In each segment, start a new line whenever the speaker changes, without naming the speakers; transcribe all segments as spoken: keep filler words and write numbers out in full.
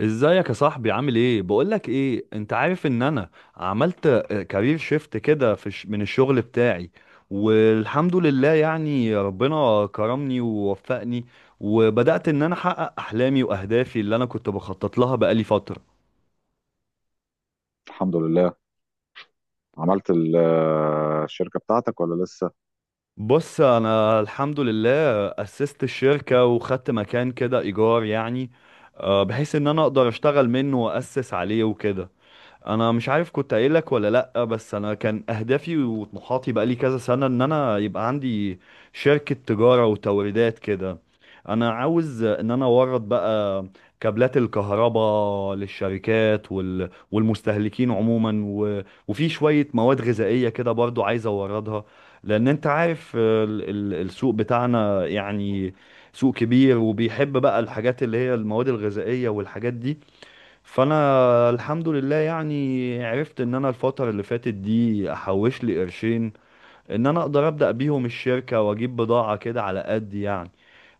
ازيك يا صاحبي؟ عامل ايه؟ بقولك ايه، انت عارف ان انا عملت كارير شيفت كده في الش- من الشغل بتاعي. والحمد لله يعني ربنا كرمني ووفقني، وبدأت ان انا احقق احلامي واهدافي اللي انا كنت بخطط لها بقالي فترة.
الحمد لله. عملت ال- الشركة بتاعتك ولا لسه؟
بص، انا الحمد لله اسست الشركة وخدت مكان كده ايجار، يعني آه، بحيث ان انا اقدر اشتغل منه واسس عليه وكده. انا مش عارف كنت قايل لك ولا لا، بس انا كان اهدافي وطموحاتي بقالي كذا سنة ان انا يبقى عندي شركة تجارة وتوريدات كده. انا عاوز ان انا اورد بقى كابلات الكهرباء للشركات وال... والمستهلكين عموما و... وفي شوية مواد غذائية كده برضو عايز اوردها. لان انت عارف ال... ال... السوق بتاعنا، يعني سوق كبير وبيحب بقى الحاجات اللي هي المواد الغذائية والحاجات دي. فانا الحمد لله يعني عرفت ان انا الفترة اللي فاتت دي احوش لي قرشين، ان انا اقدر ابدأ بيهم الشركة واجيب بضاعة كده على قد يعني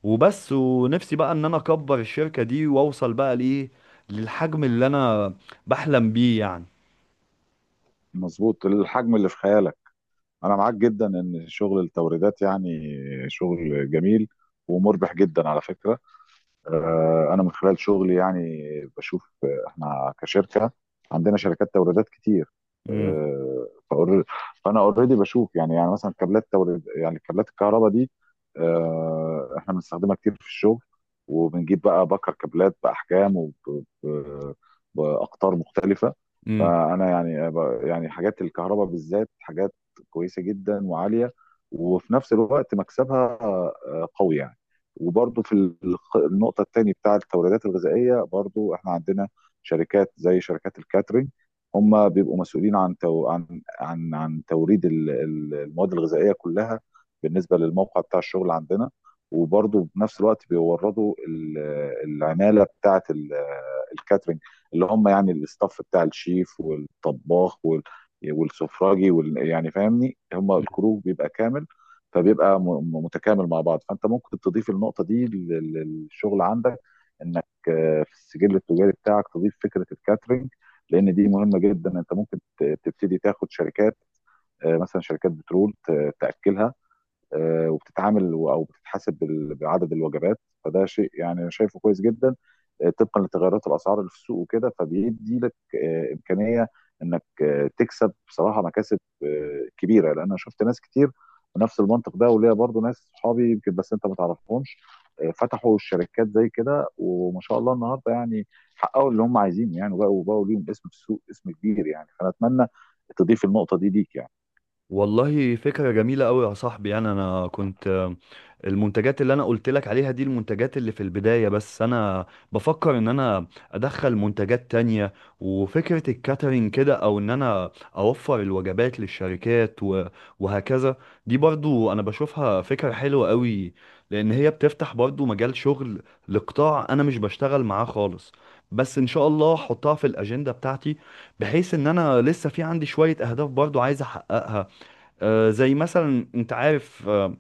وبس. ونفسي بقى ان انا اكبر الشركة دي واوصل بقى لايه، للحجم اللي انا بحلم بيه يعني.
مظبوط، الحجم اللي في خيالك. انا معاك جدا ان شغل التوريدات يعني شغل جميل ومربح جدا على فكرة. آه، انا من خلال شغلي يعني بشوف، آه، احنا كشركه عندنا شركات توريدات كتير.
امم،
آه، فأور- فانا اوريدي بشوف يعني يعني مثلا كابلات توريد، يعني كابلات الكهرباء دي. آه، احنا بنستخدمها كتير في الشغل، وبنجيب بقى بكر كابلات باحجام وباقطار مختلفه.
امم.
فانا يعني ب- يعني حاجات الكهرباء بالذات حاجات كويسه جدا وعاليه، وفي نفس الوقت مكسبها آه، قوي يعني. وبرضو في الخ- النقطة التانية بتاع التوريدات الغذائية، برضو احنا عندنا شركات زي شركات الكاترينج. هم بيبقوا مسؤولين عن تو... عن عن عن توريد ال- ال- المواد الغذائية كلها بالنسبة للموقع بتاع الشغل عندنا. وبرضو بنفس الوقت بيوردوا ال- العمالة بتاعة ال- الكاترينج، اللي هم يعني الاستاف بتاع الشيف والطباخ وال... والسفراجي وال... يعني فاهمني، هم الكروب بيبقى كامل. فبيبقى م- م- متكامل مع بعض. فانت ممكن تضيف النقطه دي لل- للشغل عندك، انك آه، في السجل التجاري بتاعك تضيف فكره الكاترينج، لان دي مهمه جدا. انت ممكن ت- تبتدي تاخد شركات، آه، مثلا شركات بترول ت- تاكلها. آه، وبتتعامل و- او بتتحاسب بال- بعدد الوجبات. فده شيء يعني انا شايفه كويس جدا، آه، طبقا لتغيرات الاسعار اللي في السوق وكده، فبيدي لك آه، امكانيه انك آه، تكسب بصراحه مكاسب آه، كبيره، لان انا شفت ناس كتير بنفس المنطق ده. وليا برضو ناس صحابي يمكن بس انت ما تعرفهمش، آه، فتحوا الشركات زي كده، وما شاء الله النهارده يعني حققوا اللي هم عايزينه يعني، وبقوا بقوا ليهم اسم في السوق، اسم كبير يعني. فانا اتمنى تضيف النقطه دي ليك يعني.
والله فكرة جميلة أوي يا صاحبي، يعني أنا كنت آه، المنتجات اللي أنا قلت لك عليها دي المنتجات اللي في البداية، بس أنا بفكر إن أنا أدخل منتجات تانية. وفكرة الكاترينج كده، أو إن أنا أوفر الوجبات للشركات و- وهكذا. دي برضو أنا بشوفها فكرة حلوة أوي، لأن هي بتفتح برضو مجال شغل لقطاع أنا مش بشتغل معاه خالص. بس إن شاء الله أحطها في الأجندة بتاعتي، بحيث إن أنا لسه في عندي شوية أهداف برضو عايز أحققها. آه، زي مثلا انت عارف، آه،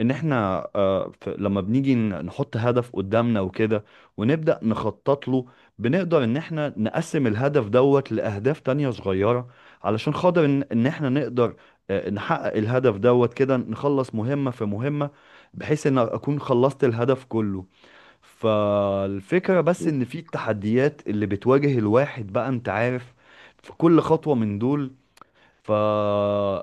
ان احنا، آه، ف- لما بنيجي ن- نحط هدف قدامنا وكده ونبدأ نخطط له، بنقدر ان احنا نقسم الهدف دوت لأهداف تانية صغيرة، علشان خاطر ان ان احنا نقدر آه، نحقق الهدف دوت كده، نخلص مهمة في مهمة، بحيث ان اكون خلصت الهدف كله. فالفكرة بس ان في التحديات اللي بتواجه الواحد بقى، انت عارف، في كل خطوة من دول، ف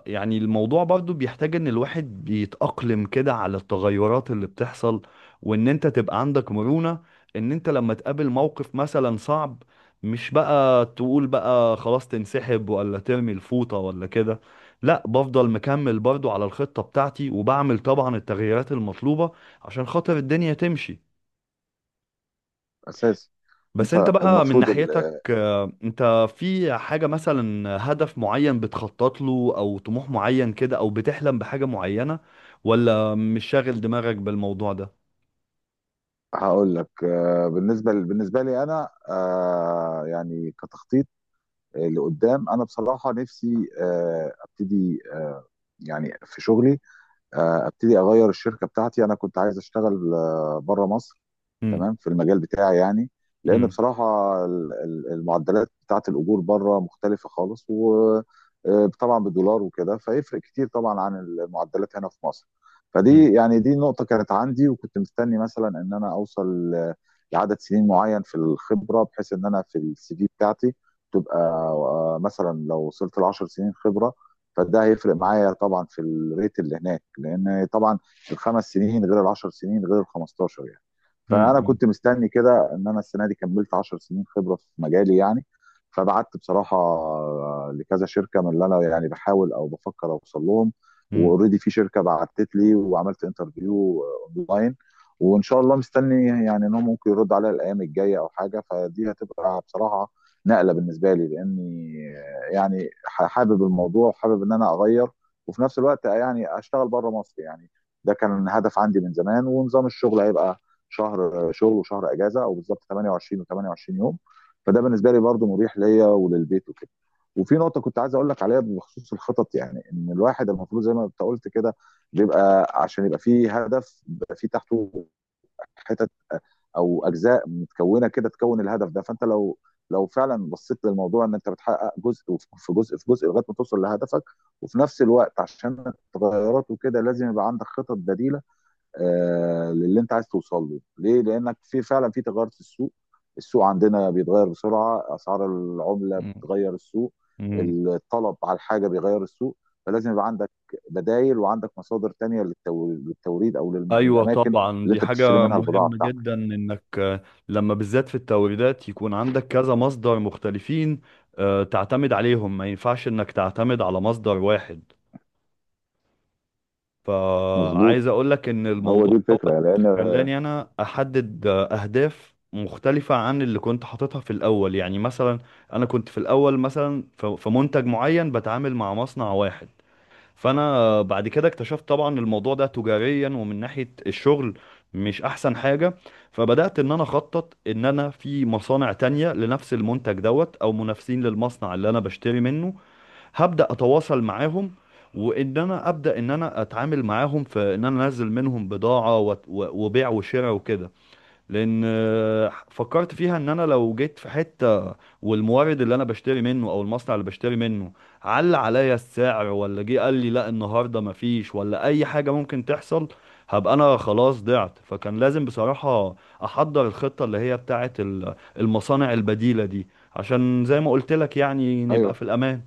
يعني الموضوع برضو بيحتاج ان الواحد بيتأقلم كده على التغيرات اللي بتحصل، وان انت تبقى عندك مرونة، ان انت لما تقابل موقف مثلا صعب، مش بقى تقول بقى خلاص تنسحب ولا ترمي الفوطة ولا كده. لا، بفضل مكمل برضو على الخطة بتاعتي، وبعمل طبعا التغييرات المطلوبة عشان خاطر الدنيا تمشي.
اساسي.
بس
انت
انت بقى من
المفروض...
ناحيتك، آه، انت في حاجة مثلا هدف معين بتخطط له او طموح معين كده او بتحلم بحاجة معينة، ولا مش شاغل دماغك بالموضوع ده؟
هقول لك، آه، بالنسبه بالنسبه لي انا، آه، يعني كتخطيط لقدام، انا بصراحه نفسي آه، ابتدي آه، يعني في شغلي آه، ابتدي اغير الشركه بتاعتي. انا كنت عايز اشتغل آه، بره مصر،
مم.
تمام، في المجال بتاعي يعني. لان
مم.
بصراحه ال- ال- المعدلات بتاعت الاجور بره مختلفه خالص، وطبعا بالدولار وكده، فيفرق كتير طبعا عن المعدلات هنا في مصر.
مم.
فدي يعني دي نقطه كانت عندي، وكنت مستني مثلا ان انا اوصل ل- لعدد سنين معين في الخبره، بحيث ان انا في السي في بتاعتي تبقى آه، مثلا لو وصلت ل عشر سنين خبره، فده هيفرق معايا طبعا في الريت اللي هناك، لان طبعا الخمس سنين غير العشر سنين غير ال خمستاشر يعني. فانا
مم.
كنت مستني كده ان انا السنه دي كملت عشر سنين خبره في مجالي يعني. فبعت بصراحه لكذا شركه من اللي انا يعني بحاول او بفكر اوصل لهم،
مم.
واوريدي في شركه بعتت لي وعملت انترفيو اونلاين. وان شاء الله مستني يعني انهم ممكن يردوا عليا الايام الجايه او حاجه. فدي هتبقى بصراحه نقله بالنسبه لي، لاني يعني ح- حابب الموضوع، وحابب ان انا اغير، وفي نفس الوقت يعني اشتغل بره مصر يعني. ده كان هدف عندي من زمان. ونظام الشغل هيبقى شهر شغل وشهر اجازه، او بالظبط ثمانية وعشرين و28 يوم، فده بالنسبه لي برضو مريح ليا وللبيت وكده. وفي نقطه كنت عايز اقول لك عليها بخصوص الخطط يعني، ان الواحد المفروض زي ما انت قلت كده، بيبقى عشان يبقى فيه هدف، بيبقى فيه تحته حتت او اجزاء متكونه كده تكون الهدف ده. فانت لو لو فعلا بصيت للموضوع، ان انت بتحقق جزء في جزء في جزء لغايه ما توصل لهدفك. وفي نفس الوقت عشان التغيرات وكده، لازم يبقى عندك خطط بديله آه للي انت عايز توصل له ليه، لانك في فعلا في تغير في السوق. السوق عندنا بيتغير بسرعه، اسعار العمله
مم.
بتغير السوق،
مم.
الطلب على الحاجه بيغير السوق. فلازم يبقى عندك بدايل، وعندك مصادر تانية للتو- للتوريد، او للم-
ايوه،
للاماكن
طبعا
اللي
دي
انت بتشتري
حاجة
منها البضاعه
مهمة
بتاعتك.
جدا انك، آه، لما بالذات في التوريدات، يكون عندك كذا مصدر مختلفين آه، تعتمد عليهم، ما ينفعش انك تعتمد على مصدر واحد.
مظبوط.
فعايز اقولك ان
هو
الموضوع
دي الفكره لان...
خلاني انا احدد اهداف مختلفة عن اللي كنت حاططها في الاول. يعني مثلا انا كنت في الاول مثلا ف- في منتج معين بتعامل مع مصنع واحد، فانا بعد كده اكتشفت طبعا الموضوع ده تجاريا ومن ناحية الشغل مش احسن حاجة. فبدأت ان انا اخطط ان انا في مصانع تانية لنفس المنتج دوت او منافسين للمصنع اللي انا بشتري منه، هبدأ اتواصل معاهم. وان انا ابدا ان انا اتعامل معاهم في ان انا انزل منهم بضاعه، وت- و- وبيع وشراء وكده. لان آه، فكرت فيها ان انا لو جيت في حته والمورد اللي انا بشتري منه او المصنع اللي بشتري منه على عليا السعر، ولا جه قال لي لا النهارده مفيش، ولا اي حاجه ممكن تحصل، هبقى انا خلاص ضعت. فكان لازم بصراحه احضر الخطه اللي هي بتاعه ال- المصانع البديله دي، عشان زي ما قلت لك يعني نبقى
ايوه،
في الامان.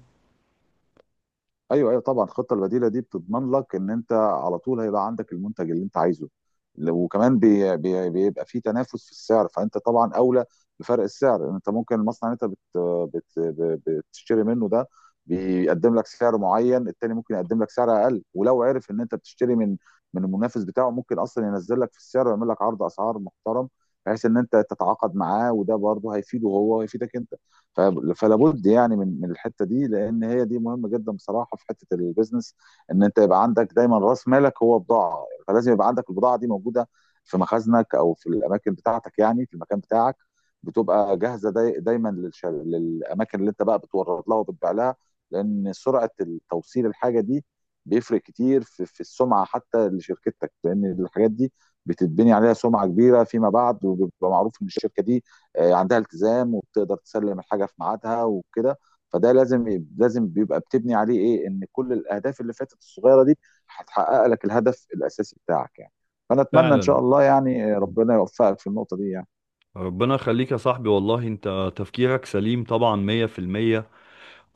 ايوه، ايوه، طبعا الخطه البديله دي بتضمن لك ان انت على طول هيبقى عندك المنتج اللي انت عايزه، لو- وكمان بي بي بيبقى في تنافس في السعر، فانت طبعا اولى بفرق السعر. انت ممكن المصنع اللي انت بت بت ب- بتشتري منه ده بيقدم لك سعر معين، التاني ممكن يقدم لك سعر اقل، ولو عرف ان انت بتشتري من من المنافس بتاعه، ممكن اصلا ينزل لك في السعر ويعمل لك عرض اسعار محترم، بحيث ان انت تتعاقد معاه. وده برضه هيفيده هو ويفيدك انت. ف- فلا بد يعني من من الحته دي، لان هي دي مهمه جدا بصراحه في حته البيزنس، ان انت يبقى عندك دايما راس مالك هو بضاعه. فلازم يبقى عندك البضاعه دي موجوده في مخازنك او في الاماكن بتاعتك، يعني في المكان بتاعك، بتبقى جاهزه داي دايما للش- للاماكن اللي انت بقى بتورد لها وبتبيع لها. لان سرعه التوصيل، الحاجه دي بيفرق كتير في, في السمعه حتى لشركتك، لان الحاجات دي بتتبني عليها سمعه كبيره فيما بعد. وبيبقى معروف ان الشركه دي آه، عندها التزام، وبتقدر تسلم الحاجه في ميعادها وكده. فده لازم لازم بيبقى بتبني عليه ايه، ان كل الاهداف اللي فاتت الصغيره دي هتحقق لك الهدف الاساسي بتاعك يعني. فانا اتمنى ان شاء
فعلا.
الله يعني ربنا يوفقك في النقطه دي يعني.
ربنا يخليك يا صاحبي، والله انت تفكيرك سليم طبعا مية في المية.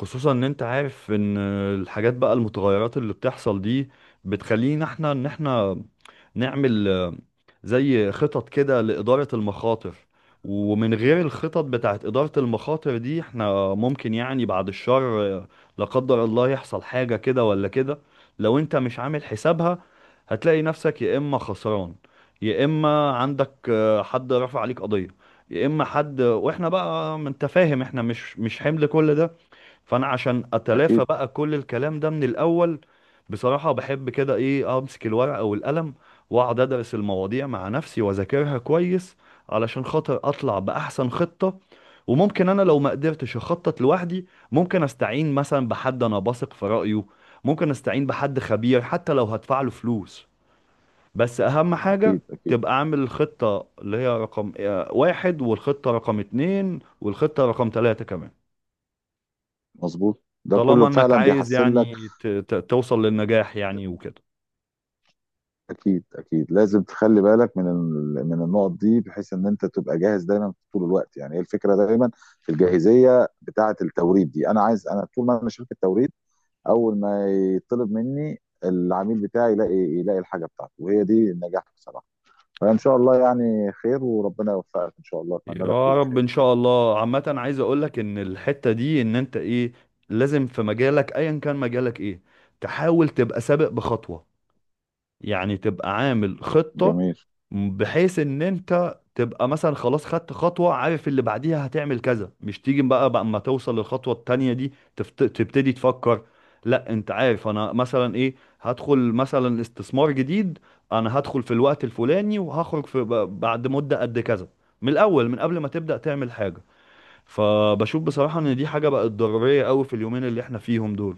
خصوصا ان انت عارف ان الحاجات بقى، المتغيرات اللي بتحصل دي، بتخلينا احنا ان احنا نعمل آه، زي خطط كده لإدارة المخاطر. ومن غير الخطط بتاعت إدارة المخاطر دي، احنا ممكن يعني بعد الشر، آه، لا قدر الله، يحصل حاجة كده ولا كده. لو انت مش عامل حسابها، هتلاقي نفسك يا إما خسران، يا إما عندك آه، حد رفع عليك قضية، يا إما حد، واحنا بقى ما انت فاهم احنا مش مش حمل كل ده. فانا عشان اتلافى
اكيد.
بقى كل الكلام ده من الاول، بصراحة بحب كده ايه، امسك الورقة والقلم واقعد ادرس المواضيع مع نفسي واذاكرها كويس، علشان خاطر اطلع باحسن خطة. وممكن انا لو ما قدرتش اخطط لوحدي، ممكن استعين مثلا بحد انا بثق في رأيه، ممكن استعين بحد خبير حتى لو هدفع له فلوس. بس اهم حاجة
اكيد، اكيد.
تبقى عامل الخطة اللي هي رقم آه، واحد، والخطة رقم اتنين، والخطة رقم تلاتة كمان.
مظبوط، ده
طالما
كله
انك
فعلا
عايز
بيحسن لك.
يعني ت- ت- توصل للنجاح يعني وكده.
اكيد، اكيد، لازم تخلي بالك من ال- من النقط دي، بحيث ان انت تبقى جاهز دايما طول الوقت يعني. هي الفكره دايما في الجاهزيه بتاعه التوريد دي، انا عايز، انا طول ما انا شركه توريد، اول ما يطلب مني العميل بتاعي يلاقي يلاقي الحاجه بتاعته، وهي دي النجاح بصراحه. فان شاء الله يعني خير، وربنا يوفقك ان شاء الله، اتمنى لك
يا
كل
رب
خير.
ان شاء الله. عامة، عايز اقولك ان الحتة دي ان انت ايه، لازم في مجالك ايا كان مجالك ايه، تحاول تبقى سابق بخطوة، يعني تبقى عامل خطة،
جميل.
بحيث ان انت تبقى مثلا خلاص خدت خطوة، عارف اللي بعديها هتعمل كذا، مش تيجي بقى بقى اما توصل للخطوة التانية دي تفت... تبتدي تفكر. لا، انت عارف انا مثلا ايه، هدخل مثلا استثمار جديد، انا هدخل في الوقت الفلاني وهخرج في ب- بعد مدة قد كذا، من الاول، من قبل ما تبدأ تعمل حاجة. فبشوف بصراحة ان دي حاجة بقت ضرورية قوي في اليومين اللي احنا فيهم دول.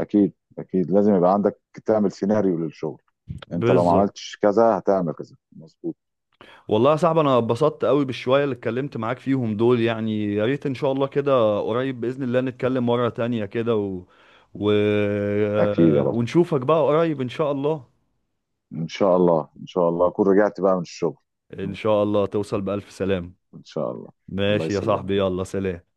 اكيد، اكيد، لازم يبقى عندك تعمل سيناريو للشغل. انت لو ما
بالظبط.
عملتش كذا هتعمل كذا، مظبوط.
والله يا صاحبي انا اتبسطت قوي بالشويه اللي اتكلمت معاك فيهم دول، يعني يا ريت ان شاء الله كده قريب باذن الله نتكلم مره تانية كده و... و...
اكيد. يا رب
ونشوفك بقى قريب ان شاء الله.
ان شاء الله. ان شاء الله اكون رجعت بقى من الشغل.
ان شاء الله توصل بألف سلام.
ان شاء الله. الله
ماشي يا
يسلمك.
صاحبي، يلا سلام.